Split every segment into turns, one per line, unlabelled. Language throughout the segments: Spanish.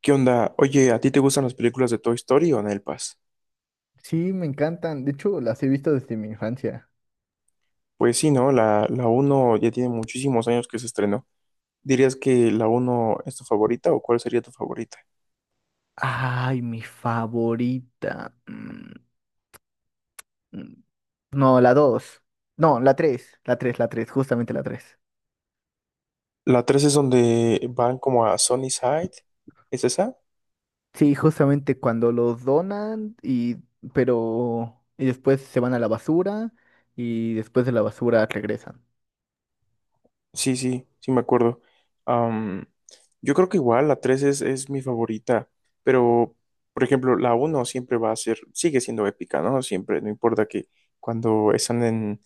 ¿Qué onda? Oye, ¿a ti te gustan las películas de Toy Story o Nelpas?
Sí, me encantan. De hecho, las he visto desde mi infancia.
Pues sí, ¿no? La uno ya tiene muchísimos años que se estrenó. ¿Dirías que la uno es tu favorita o cuál sería tu favorita?
Ay, mi favorita. Mm. No, la dos. No, la tres. La tres, justamente la tres.
La 3 es donde van como a Sunnyside. ¿Es esa?
Sí, justamente cuando los donan y pero y después se van a la basura y después de la basura regresan.
Sí, sí, sí me acuerdo. Am, yo creo que igual la 3 es mi favorita, pero por ejemplo, la uno siempre va a ser, sigue siendo épica, ¿no? Siempre, no importa que cuando están en,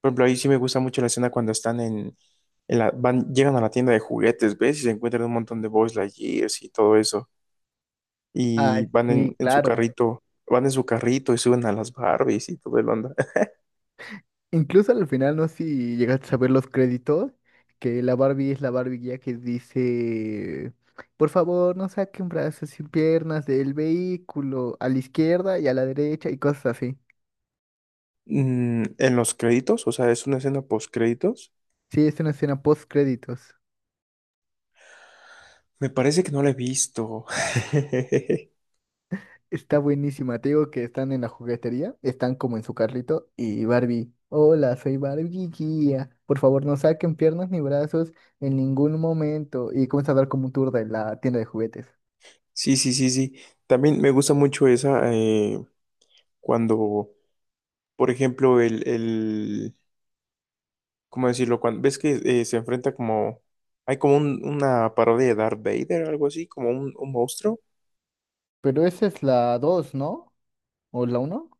por ejemplo, ahí sí me gusta mucho la escena cuando están en llegan a la tienda de juguetes, ¿ves? Y se encuentran un montón de Buzz Lightyears y todo eso,
Ay,
y van
sí,
en su
claro.
carrito, van en su carrito y suben a las Barbies y todo el onda.
Incluso al final, no sé si llegaste a ver los créditos, que la Barbie es la Barbie ya que dice, por favor, no saquen brazos y piernas del vehículo a la izquierda y a la derecha y cosas así.
En los créditos, o sea, es una escena post.
Sí, es una escena post créditos.
Me parece que no la he visto.
Está buenísima, te digo que están en la juguetería, están como en su carrito y Barbie, hola, soy Barbie guía, por favor, no saquen piernas ni brazos en ningún momento y comienza a dar como un tour de la tienda de juguetes.
Sí, sí, sí, sí. También me gusta mucho esa cuando, por ejemplo, ¿cómo decirlo? Cuando ves que se enfrenta como, hay como un- una parodia de Darth Vader, algo así, como un monstruo.
Pero esa es la 2, ¿no? ¿O la uno?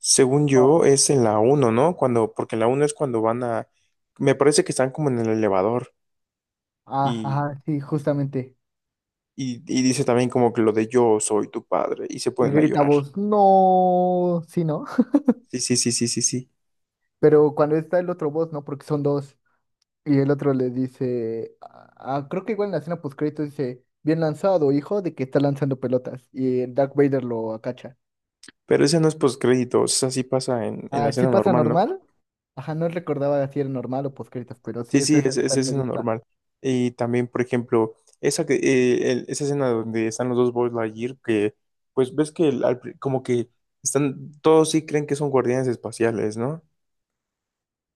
Según yo,
Oh,
es en la uno, ¿no? Cuando, porque en la uno es cuando van a, me parece que están como en el elevador
ah,
y,
ajá, sí, justamente.
y dice también como que lo de yo soy tu padre y se
Y
pueden a
grita
llorar.
voz, no, sí, ¿no?
Sí, sí, sí, sí, sí, sí.
Pero cuando está el otro voz, ¿no? Porque son dos. Y el otro le dice, ah, ah, creo que igual en la escena postcrédito dice, bien lanzado, hijo, de que está lanzando pelotas. Y el Darth Vader lo acacha.
Pero ese no es postcrédito, o sea, sí pasa en la
Ah, ¿sí
escena
pasa
normal, ¿no?
normal? Ajá, no recordaba si era normal o postcréditos, pero sí,
Sí,
esa
sí,
escena
es
también me
escena
gusta.
normal. Y también, por ejemplo, esa, que, esa escena donde están los dos Buzz Lightyear, que pues ves que como que están, todos sí creen que son guardianes espaciales, ¿no?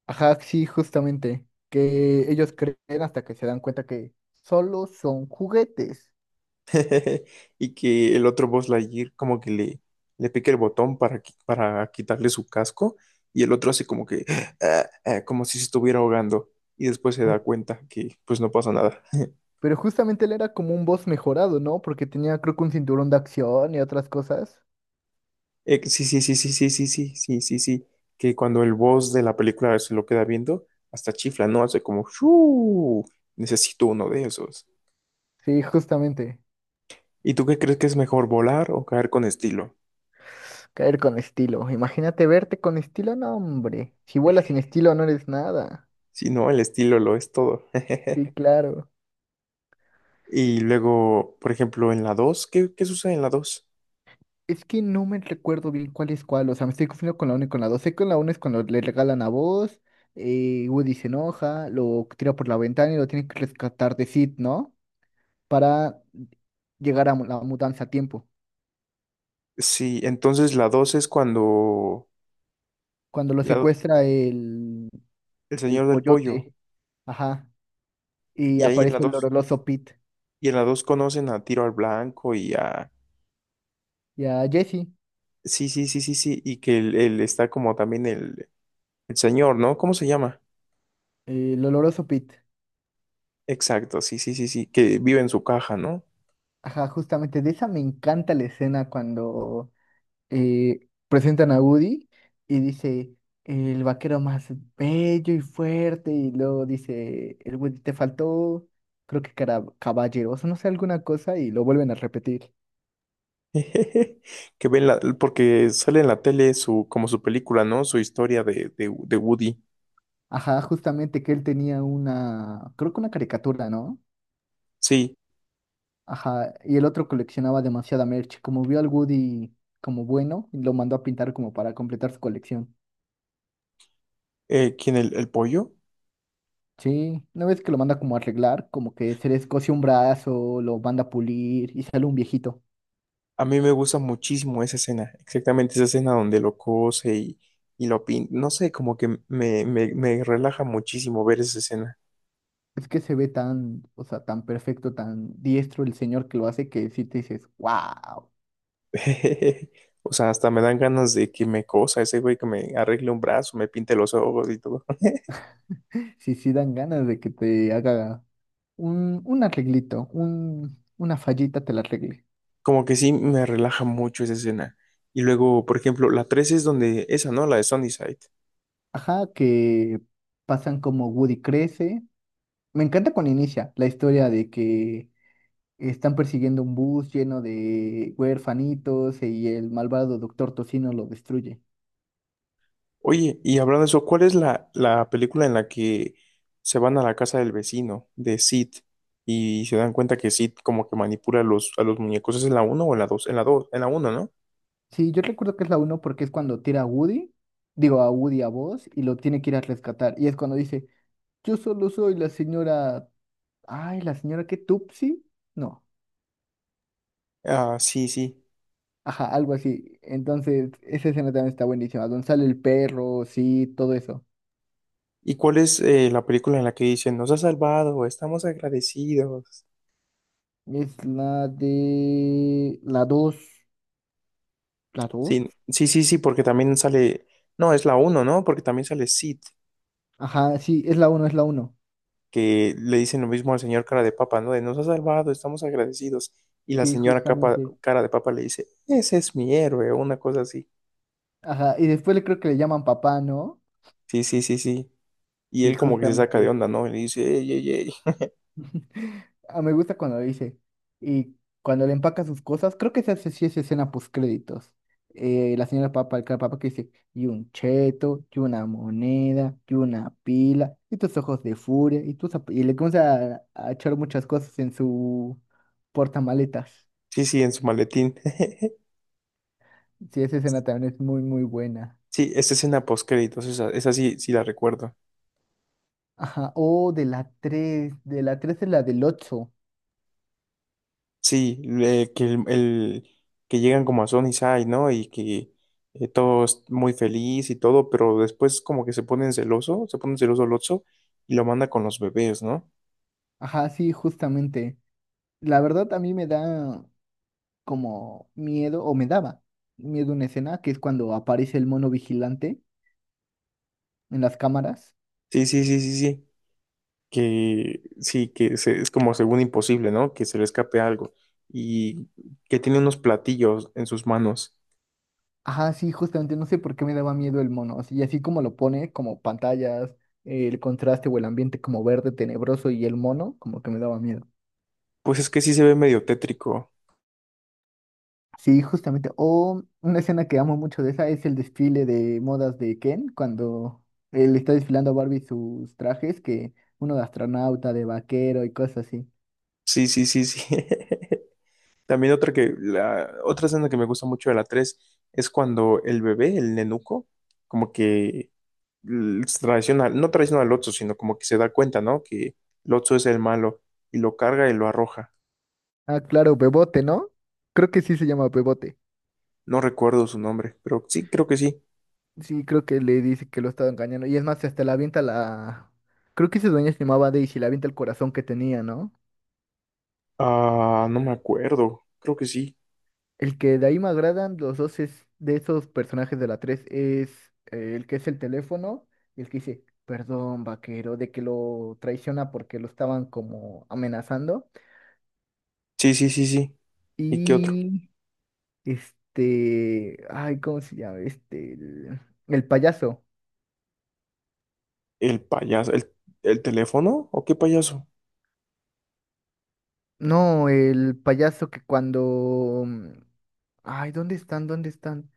Ajá, sí, justamente. Que ellos creen hasta que se dan cuenta que solo son juguetes.
Y que el otro Buzz Lightyear como que le pica el botón para, para quitarle su casco y el otro hace como que, ah, ah, como si se estuviera ahogando y después se da cuenta que pues no pasa nada.
Pero justamente él era como un boss mejorado, ¿no? Porque tenía, creo que un cinturón de acción y otras cosas.
Sí, sí, sí, sí, sí, sí, sí, sí, sí, sí. Que cuando el boss de la película se lo queda viendo, hasta chifla, ¿no? Hace como, ¡shuu! Necesito uno de esos.
Sí, justamente.
¿Y tú qué crees que es mejor, volar o caer con estilo?
Caer con estilo. Imagínate verte con estilo, no, hombre. Si vuelas sin estilo, no eres nada.
Si no, el estilo lo es todo.
Sí, claro.
Y luego, por ejemplo, en la dos, ¿qué sucede en la dos?
Es que no me recuerdo bien cuál es cuál. O sea, me estoy confundiendo con la uno y con la dos. Sé que con la uno es cuando le regalan a vos. Woody se enoja, lo tira por la ventana y lo tiene que rescatar de Sid, ¿no? Para llegar a la mudanza a tiempo.
Sí, entonces la 2 es cuando
Cuando lo
la-
secuestra
el
el
señor del pollo.
pollote. Ajá. Y
Y ahí en la
aparece el
2
oloroso Pete.
y en la 2 conocen a Tiro al Blanco y a...
Y a Jesse,
Sí, sí, sí, sí, sí. Y que él está como también el. El señor, ¿no? ¿Cómo se llama?
el oloroso Pete.
Exacto, sí, sí, sí, sí, que vive en su caja, ¿no?
Ajá, justamente de esa me encanta la escena cuando presentan a Woody y dice el vaquero más bello y fuerte. Y luego dice el Woody, te faltó, creo que cara, caballeroso, no sé, alguna cosa. Y lo vuelven a repetir.
Que ven la, porque sale en la tele su, como su película, ¿no? Su historia de Woody.
Ajá, justamente que él tenía una, creo que una caricatura, ¿no?
Sí,
Ajá, y el otro coleccionaba demasiada merch. Como vio al Woody como bueno, lo mandó a pintar como para completar su colección.
¿quién el pollo?
Sí, una vez que lo manda como a arreglar, como que se le escoce un brazo, lo manda a pulir y sale un viejito.
A mí me gusta muchísimo esa escena, exactamente esa escena donde lo cose y lo pinta, no sé, como que me relaja muchísimo ver esa escena.
Es que se ve tan, o sea, tan perfecto, tan diestro el señor que lo hace que sí te dices, wow.
O sea, hasta me dan ganas de que me cosa ese güey, que me arregle un brazo, me pinte los ojos y todo.
Sí, sí dan ganas de que te haga un arreglito, una fallita te la arregle.
Como que sí me relaja mucho esa escena. Y luego, por ejemplo, la 3 es donde esa, ¿no? La de Sunnyside.
Ajá, que pasan como Woody crece. Me encanta cuando inicia la historia de que están persiguiendo un bus lleno de huérfanitos y el malvado Doctor Tocino lo destruye.
Oye, y hablando de eso, ¿cuál es la película en la que se van a la casa del vecino, de Sid, y se dan cuenta que Sid como que manipula a a los muñecos? ¿Es en la uno o en la dos? En la dos, en la uno, ¿no?
Sí, yo recuerdo que es la uno porque es cuando tira a Woody, digo a Woody a Buzz y lo tiene que ir a rescatar. Y es cuando dice, yo solo soy la señora, ay, la señora que Tupsi, no,
Ah, sí, sí.
ajá, algo así. Entonces, esa escena también está buenísima, donde sale el perro, sí, todo eso.
¿Y cuál es la película en la que dicen, nos ha salvado, estamos agradecidos?
Es la de la 2, la 2.
Sí, sí, sí, sí, porque también sale, no, es la uno, ¿no? Porque también sale Sid.
Ajá, sí, es la uno, es la uno.
Que le dicen lo mismo al señor cara de papa, ¿no? De nos ha salvado, estamos agradecidos. Y la
Sí,
señora
justamente.
cara de papa le dice, ese es mi héroe, o una cosa así.
Ajá, y después le creo que le llaman papá, ¿no?
Sí, sí, sí, sí. Y
Sí,
él como que se saca de
justamente.
onda, ¿no? Y le dice, ey, ey, ey.
Ah, me gusta cuando dice. Y cuando le empaca sus cosas, creo que sí es escena postcréditos. La señora papa, el cara papa que dice, y un cheto, y una moneda, y una pila, y tus ojos de furia, y tus y le comienza a echar muchas cosas en su portamaletas.
Sí, sí, en su maletín.
Sí, esa escena también es muy, muy buena.
Sí, esa escena post-créditos, esa sí, sí la recuerdo.
Ajá, oh, de la 3 es la del ocho.
Sí, que llegan como a Sony Sai, ¿no? Y que todo es muy feliz y todo, pero después como que se ponen celoso Lotso y lo manda con los bebés, ¿no?
Ajá, sí, justamente. La verdad a mí me da como miedo, o me daba miedo una escena, que es cuando aparece el mono vigilante en las cámaras.
Sí, sí, sí, sí, sí. Que sí, que es como según imposible, ¿no? Que se le escape algo y que tiene unos platillos en sus manos.
Ajá, sí, justamente, no sé por qué me daba miedo el mono. Y así como lo pone, como pantallas, el contraste o el ambiente como verde tenebroso y el mono, como que me daba miedo.
Pues es que sí se ve medio tétrico.
Sí, justamente. O una escena que amo mucho de esa es el desfile de modas de Ken, cuando él está desfilando a Barbie sus trajes, que uno de astronauta, de vaquero y cosas así.
Sí, sí, sí, sí. También otra que la otra escena que me gusta mucho de la 3 es cuando el bebé, el nenuco, como que l- traiciona, no traiciona al Lotso, sino como que se da cuenta, ¿no? Que Lotso es el malo y lo carga y lo arroja.
Ah, claro, Bebote, ¿no? Creo que sí se llama Bebote.
No recuerdo su nombre, pero sí, creo que sí.
Sí, creo que le dice que lo estaba engañando. Y es más, hasta la avienta la... Creo que esa dueña se llamaba Daisy, la avienta el corazón que tenía, ¿no?
Ah, no me acuerdo. Creo que sí.
El que de ahí me agradan, los dos es de esos personajes de la 3 es el que es el teléfono y el que dice, perdón, vaquero, de que lo traiciona porque lo estaban como amenazando.
Sí, sí, sí, sí. ¿Y qué otro?
Y este, ay, ¿cómo se llama? El payaso.
El payaso. ¿El teléfono? ¿O qué payaso?
No, el payaso que cuando... ay, ¿dónde están? ¿Dónde están?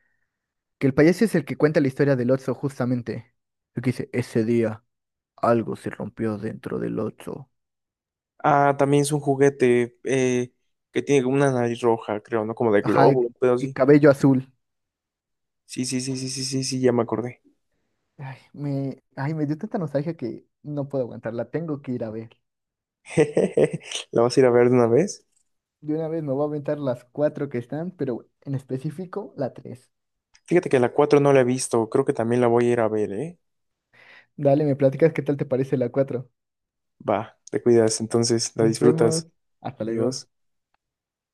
Que el payaso es el que cuenta la historia del Oxxo justamente. El que dice, ese día algo se rompió dentro del Oxxo.
Ah, también es un juguete que tiene como una nariz roja, creo, ¿no? Como de
Ajá,
globo,
y,
un pedo
y
así.
cabello azul.
Sí, sí, sí, sí, sí, sí, sí, ya me acordé.
Ay, me dio tanta nostalgia que no puedo aguantarla, tengo que ir a ver.
¿La vas a ir a ver de una vez?
De una vez me voy a aventar las cuatro que están, pero en específico la tres.
Fíjate que la 4 no la he visto. Creo que también la voy a ir a ver, ¿eh?
Dale, me platicas qué tal te parece la cuatro.
Va, te cuidas, entonces la
Nos vemos,
disfrutas.
hasta luego.
Adiós.